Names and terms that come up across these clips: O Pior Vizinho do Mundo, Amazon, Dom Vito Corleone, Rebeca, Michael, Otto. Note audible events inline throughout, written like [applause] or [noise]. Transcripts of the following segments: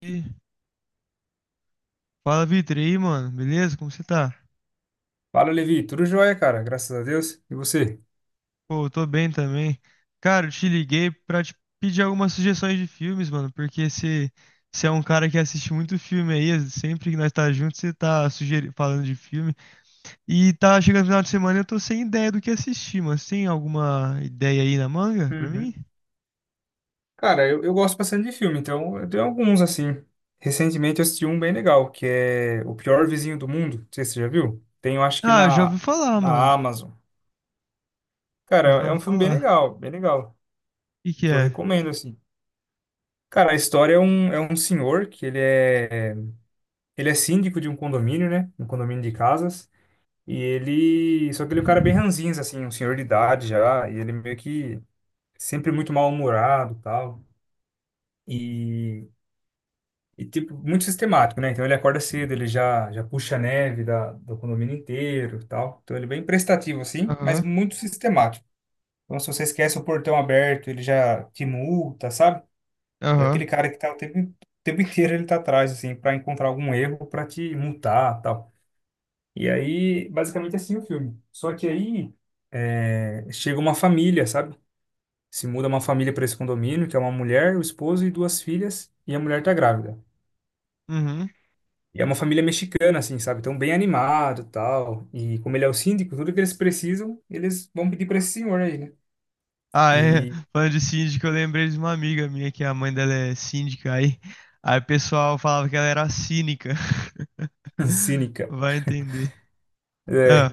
E fala, Vitor, e aí, mano? Beleza? Como você tá? Fala, Levi. Tudo jóia, cara. Graças a Deus. E você? Pô, eu tô bem também. Cara, eu te liguei pra te pedir algumas sugestões de filmes, mano, porque você é um cara que assiste muito filme aí, sempre que nós tá juntos, você tá sugeri falando de filme. E tá chegando no final de semana e eu tô sem ideia do que assistir, mano. Você tem alguma ideia aí na manga pra mim? Uhum. Cara, eu gosto bastante de filme, então eu tenho alguns, assim. Recentemente eu assisti um bem legal, que é O Pior Vizinho do Mundo. Não sei se você já viu. Tem, eu acho que Ah, eu já na, ouvi falar, mano. na Amazon. Cara, Eu já é ouvi um filme falar. Bem legal, O que que que eu é? recomendo, assim. Cara, a história é um senhor que ele é síndico de um condomínio, né? Um condomínio de casas. E ele... Só que ele é um cara bem ranzinza, assim, um senhor de idade já. E ele é meio que sempre muito mal-humorado e tal. E, e tipo, muito sistemático, né? Então ele acorda cedo, ele já puxa a neve da, do condomínio inteiro e tal. Então ele é bem prestativo, assim, mas Aham, muito sistemático. Então se você esquece o portão aberto, ele já te multa, sabe? É aham. aquele cara que tá o tempo inteiro ele tá atrás, assim, para encontrar algum erro para te multar tal. E aí, basicamente, é assim o filme. Só que aí chega uma família, sabe? Se muda uma família para esse condomínio, que é uma mulher, o esposo e duas filhas, e a mulher tá grávida. Uhum. E é uma família mexicana, assim, sabe? Então, bem animado, tal. E como ele é o síndico, tudo que eles precisam, eles vão pedir para esse senhor aí, né? Ah, é. E Falando de síndico, eu lembrei de uma amiga minha que a mãe dela é síndica. Aí o pessoal falava que ela era cínica. [laughs] [laughs] cínica. Vai entender. Ah,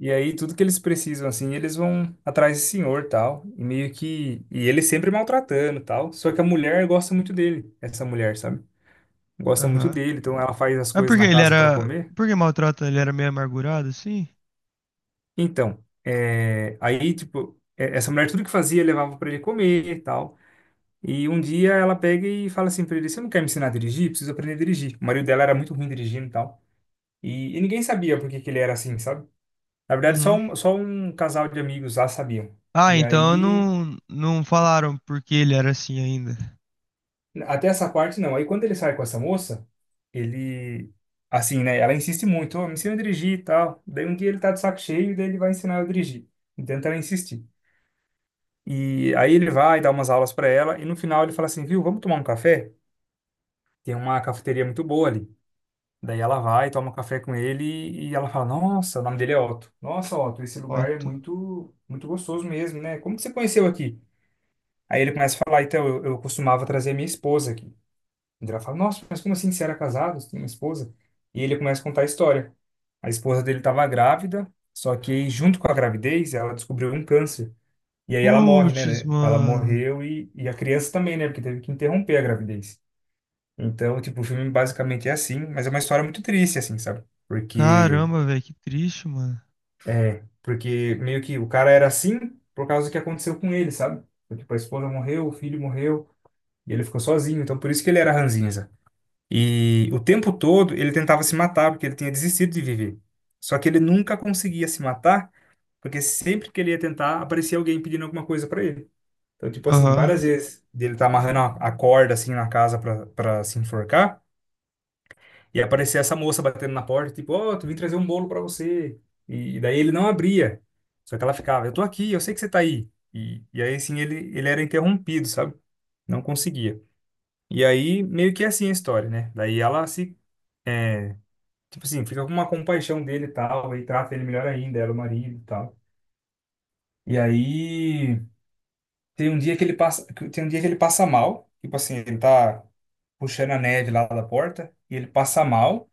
E aí, tudo que eles precisam, assim, eles vão atrás desse senhor, tal. E meio que... E ele sempre maltratando, tal. Só que a mulher gosta muito dele, essa mulher, sabe? Gosta muito aham. dele, então ela faz as Ah, coisas porque na ele casa para era. comer. Por que maltrata? Ele era meio amargurado, assim? Então, aí, tipo, essa mulher tudo que fazia levava para ele comer, tal. E um dia ela pega e fala assim pra ele: Você não quer me ensinar a dirigir? Preciso aprender a dirigir. O marido dela era muito ruim dirigindo e tal. E ninguém sabia por que que ele era assim, sabe? Na verdade, só Uhum. um, só um casal de amigos lá sabiam. Ah, E então aí, não falaram porque ele era assim ainda. até essa parte não. Aí quando ele sai com essa moça, ele. Assim, né? Ela insiste muito: "Ô, me ensina a dirigir e tal. Daí um dia ele tá de saco cheio e daí ele vai ensinar eu a dirigir. Então ela insistir. E aí ele vai dar umas aulas pra ela e no final ele fala assim: Viu, vamos tomar um café? Tem uma cafeteria muito boa ali. Daí ela vai, toma um café com ele e ela fala: Nossa, o nome dele é Otto. Nossa, Otto, esse lugar é Foto. muito, muito gostoso mesmo, né? Como que você conheceu aqui? Aí ele começa a falar: Então, eu costumava trazer minha esposa aqui. E ela fala: Nossa, mas como assim? Você era casado? Você tem uma esposa? E ele começa a contar a história. A esposa dele estava grávida, só que aí, junto com a gravidez, ela descobriu um câncer. E aí ela morre, né? Putz, né? Ela mano. morreu e a criança também, né? Porque teve que interromper a gravidez. Então, tipo, o filme basicamente é assim, mas é uma história muito triste, assim, sabe? Porque, Caramba, velho, que triste, mano. Porque meio que o cara era assim por causa do que aconteceu com ele, sabe? Tipo, a esposa morreu, o filho morreu, e ele ficou sozinho, então por isso que ele era ranzinza. E o tempo todo ele tentava se matar, porque ele tinha desistido de viver. Só que ele nunca conseguia se matar, porque sempre que ele ia tentar, aparecia alguém pedindo alguma coisa pra ele. Então, tipo assim, Aham. várias vezes dele tá amarrando a corda, assim, na casa pra, pra se enforcar, e aparecia essa moça batendo na porta, tipo, ó, tu vim trazer um bolo pra você. E daí ele não abria. Só que ela ficava, eu tô aqui, eu sei que você tá aí. E aí, assim, ele era interrompido, sabe? Não conseguia. E aí, meio que é assim a história, né? Daí ela se, é, tipo assim, fica com uma compaixão dele e tal, e trata ele melhor ainda, ela, o marido e tal. E aí, tem um dia que ele passa, tem um dia que ele passa mal, tipo assim, ele tá puxando a neve lá da porta, e ele passa mal.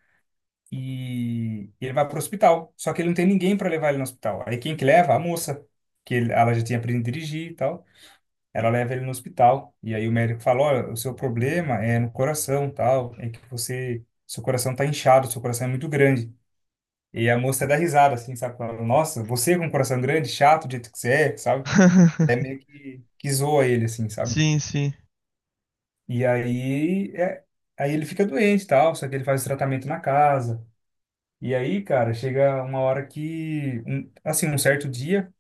E ele vai para o hospital. Só que ele não tem ninguém para levar ele no hospital. Aí quem que leva? A moça, ela já tinha aprendido a dirigir e tal. Ela leva ele no hospital. E aí o médico fala, olha, o seu problema é no coração, tal, é que você, seu coração tá inchado, seu coração é muito grande. E a moça dá risada, assim, sabe? Fala, Nossa, você com um coração grande, chato, do jeito que você é, sabe? Até [laughs] meio que zoa ele, assim, sabe? Sim, sim. E aí, aí ele fica doente e tal, só que ele faz tratamento na casa. E aí, cara, chega uma hora que, assim, um certo dia,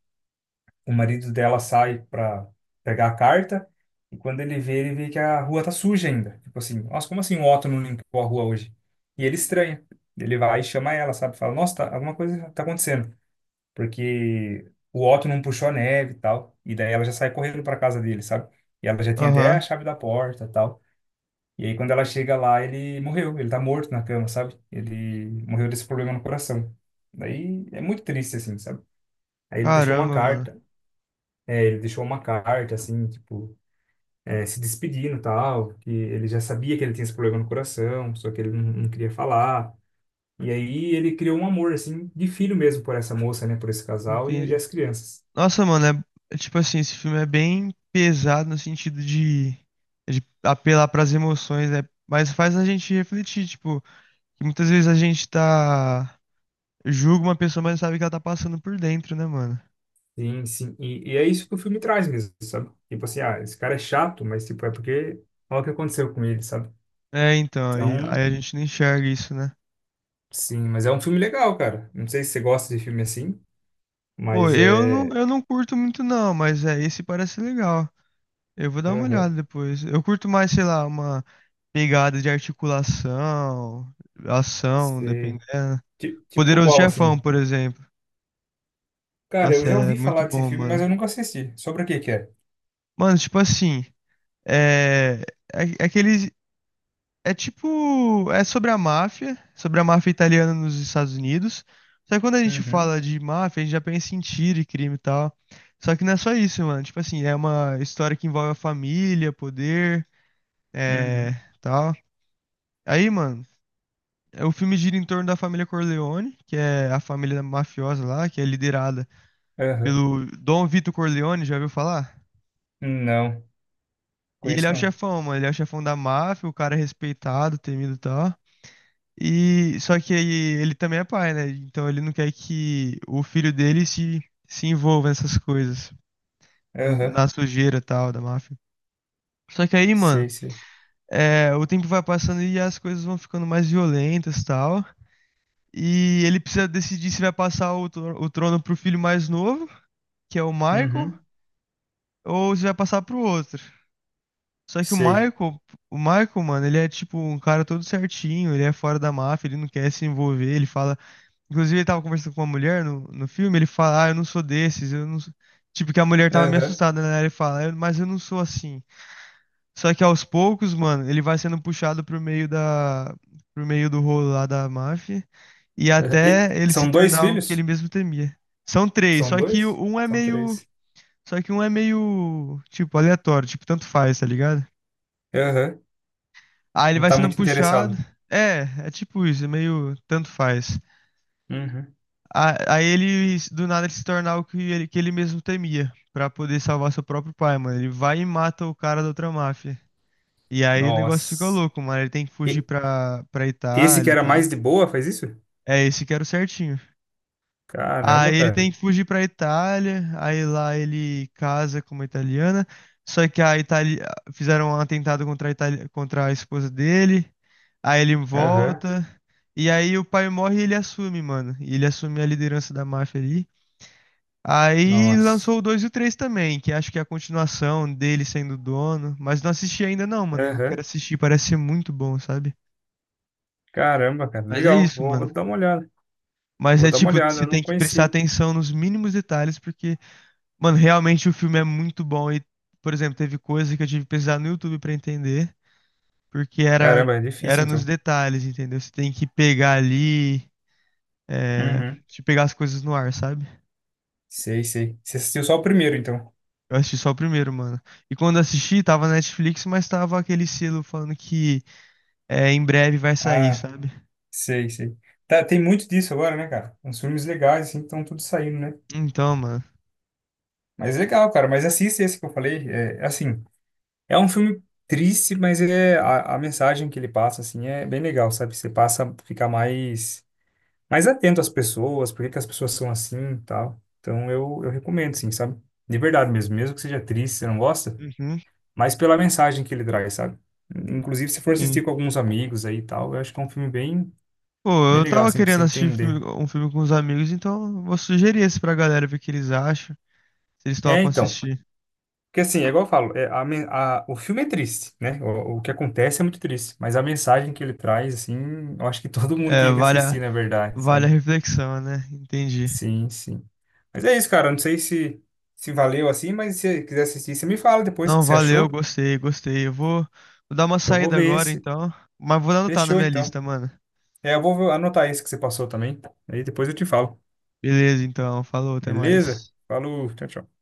o marido dela sai pra pegar a carta e quando ele vê que a rua tá suja ainda. Tipo assim, nossa, como assim o Otto não limpou a rua hoje? E ele estranha. Ele vai e chama ela, sabe? Fala, nossa, tá, alguma coisa tá acontecendo. Porque o Otto não puxou a neve e tal. E daí ela já sai correndo pra casa dele, sabe? E ela já tem até Aham. a chave da porta e tal. E aí, quando ela chega lá, ele morreu. Ele tá morto na cama, sabe? Ele morreu desse problema no coração. Daí é muito triste, assim, sabe? Aí ele deixou uma Caramba, mano. carta. É, ele deixou uma carta, assim, tipo, é, se despedindo e tal. Que ele já sabia que ele tinha esse problema no coração, só que ele não queria falar. E aí ele criou um amor, assim, de filho mesmo por essa moça, né? Por esse casal e Entendi. as crianças. Nossa, mano, é tipo assim, esse filme é bem pesado no sentido de apelar para as emoções, né? Mas faz a gente refletir, tipo, que muitas vezes a gente tá julga uma pessoa, mas não sabe o que ela tá passando por dentro, né, mano? Sim, sim. E é isso que o filme traz mesmo, sabe? Tipo assim, ah, esse cara é chato, mas, tipo, é porque olha o que aconteceu com ele, sabe? É, então, aí, Então, aí a gente não enxerga isso, né? sim, mas é um filme legal, cara. Não sei se você gosta de filme assim, Pô, mas eu não, é. eu não curto muito não, mas é, esse parece legal. Eu vou dar uma Aham. olhada depois. Eu curto mais, sei lá, uma pegada de articulação, ação, Sei. dependendo. Tipo Poderoso qual, assim? Chefão, por exemplo. Cara, eu Nossa, já é ouvi muito falar desse bom, filme, mas mano. eu nunca assisti. Sobre o que que é? Mano, tipo assim, é, é que é tipo, é sobre a máfia italiana nos Estados Unidos. Só que quando a gente Uhum, fala de máfia, a gente já pensa em tiro e crime e tal. Só que não é só isso, mano. Tipo assim, é uma história que envolve a família, poder, é, uhum, tal. Aí, mano, o filme gira em torno da família Corleone, que é a família mafiosa lá, que é liderada aham. pelo Dom Vito Corleone, já ouviu falar? Não, E ele conheço é o não. chefão, mano. Ele é o chefão da máfia, o cara é respeitado, temido e tal. E só que aí ele também é pai, né? Então ele não quer que o filho dele se envolva nessas coisas, Aham, na sujeira e tal da máfia. Só que aí, mano, sei, sei. O tempo vai passando e as coisas vão ficando mais violentas e tal. E ele precisa decidir se vai passar o trono pro filho mais novo, que é o Michael, Uhum, ou se vai passar pro outro. Só que o sei. Michael, o Michael, mano, ele é tipo um cara todo certinho, ele é fora da máfia, ele não quer se envolver, ele fala. Inclusive, ele tava conversando com uma mulher no filme, ele fala, ah, eu não sou desses, eu não sou. Tipo, que a mulher tava meio Aham, assustada, né? Ele fala, "Eu- mas eu não sou assim. Só que aos poucos, mano, ele vai sendo puxado pro meio da. Pro meio do rolo lá da máfia. E aham. E até ele se são dois tornar o que ele filhos? mesmo temia. São três, São só que dois? um é São meio. três. Só que um é meio, tipo, aleatório, tipo, tanto faz, tá ligado? Aham, Aí ele não vai tá sendo muito puxado. interessado. É, é tipo isso, é meio tanto faz. Uhum. Aí ele, do nada, ele se torna o que ele mesmo temia, pra poder salvar seu próprio pai, mano. Ele vai e mata o cara da outra máfia. E aí o negócio fica Nossa. louco, mano. Ele tem que fugir E pra esse que Itália e era mais tal. de boa faz isso? É, esse que era o certinho. Caramba, Aí ele cara. tem que fugir pra Itália, aí lá ele casa com uma italiana, só que a Itália fizeram um atentado contra a Itália, contra a esposa dele, aí ele Aham. volta, e aí o pai morre e ele assume, mano. E ele assume a liderança da máfia ali. Aí Nossa. lançou o 2 e o 3 também, que acho que é a continuação dele sendo dono, mas não assisti ainda não, mano. Eu quero Aham. assistir, parece ser muito bom, sabe? Caramba, cara. Mas é Legal. isso, Vou, mano. vou dar uma olhada. Mas Vou é dar uma tipo, olhada. você Eu tem não que prestar conhecia. atenção nos mínimos detalhes, porque mano, realmente o filme é muito bom e, por exemplo, teve coisa que eu tive que pesquisar no YouTube pra entender, porque Caramba, é era difícil, nos então. detalhes, entendeu? Você tem que pegar ali, é, Uhum. de pegar as coisas no ar, sabe? Sei, sei. Você assistiu só o primeiro, então. Eu assisti só o primeiro, mano. E quando assisti, tava na Netflix, mas tava aquele selo falando que é, em breve vai sair, Ah, sabe? sei, sei. Tá, tem muito disso agora, né, cara? Uns filmes legais, assim, estão tudo saindo, né? Então, mano. Mas legal, cara. Mas assiste esse que eu falei. É, assim, é um filme triste, mas ele é, a mensagem que ele passa, assim, é bem legal, sabe? Você passa a ficar mais mais atento às pessoas, por que que as pessoas são assim e tal. Então eu recomendo, sim, sabe? De verdade mesmo, mesmo que seja triste, você não gosta, Uhum, mas pela mensagem que ele traz, sabe? Inclusive, se for sim. assistir com alguns amigos aí e tal, eu acho que é um filme bem, Pô, bem eu legal, tava assim, pra você querendo assistir entender. Um filme com os amigos, então eu vou sugerir esse pra galera ver o que eles acham, se eles É, topam então, assistir. porque assim, é igual eu falo, é, a, o filme é triste, né? O que acontece é muito triste, mas a mensagem que ele traz, assim, eu acho que [laughs] todo mundo É, tinha que assistir, na verdade, vale a sabe? reflexão, né? Entendi. Sim, sim. Mas é isso, cara. Não sei se, se valeu assim, mas se você quiser assistir, você me fala depois o Não, que você valeu, achou. gostei, gostei. Vou dar uma Eu vou saída ver agora, esse. então. Mas vou anotar na Fechou, minha então. lista, mano. É, eu vou anotar esse que você passou também. Aí depois eu te falo. Beleza, então. Falou, até Beleza? mais. Falou, tchau, tchau.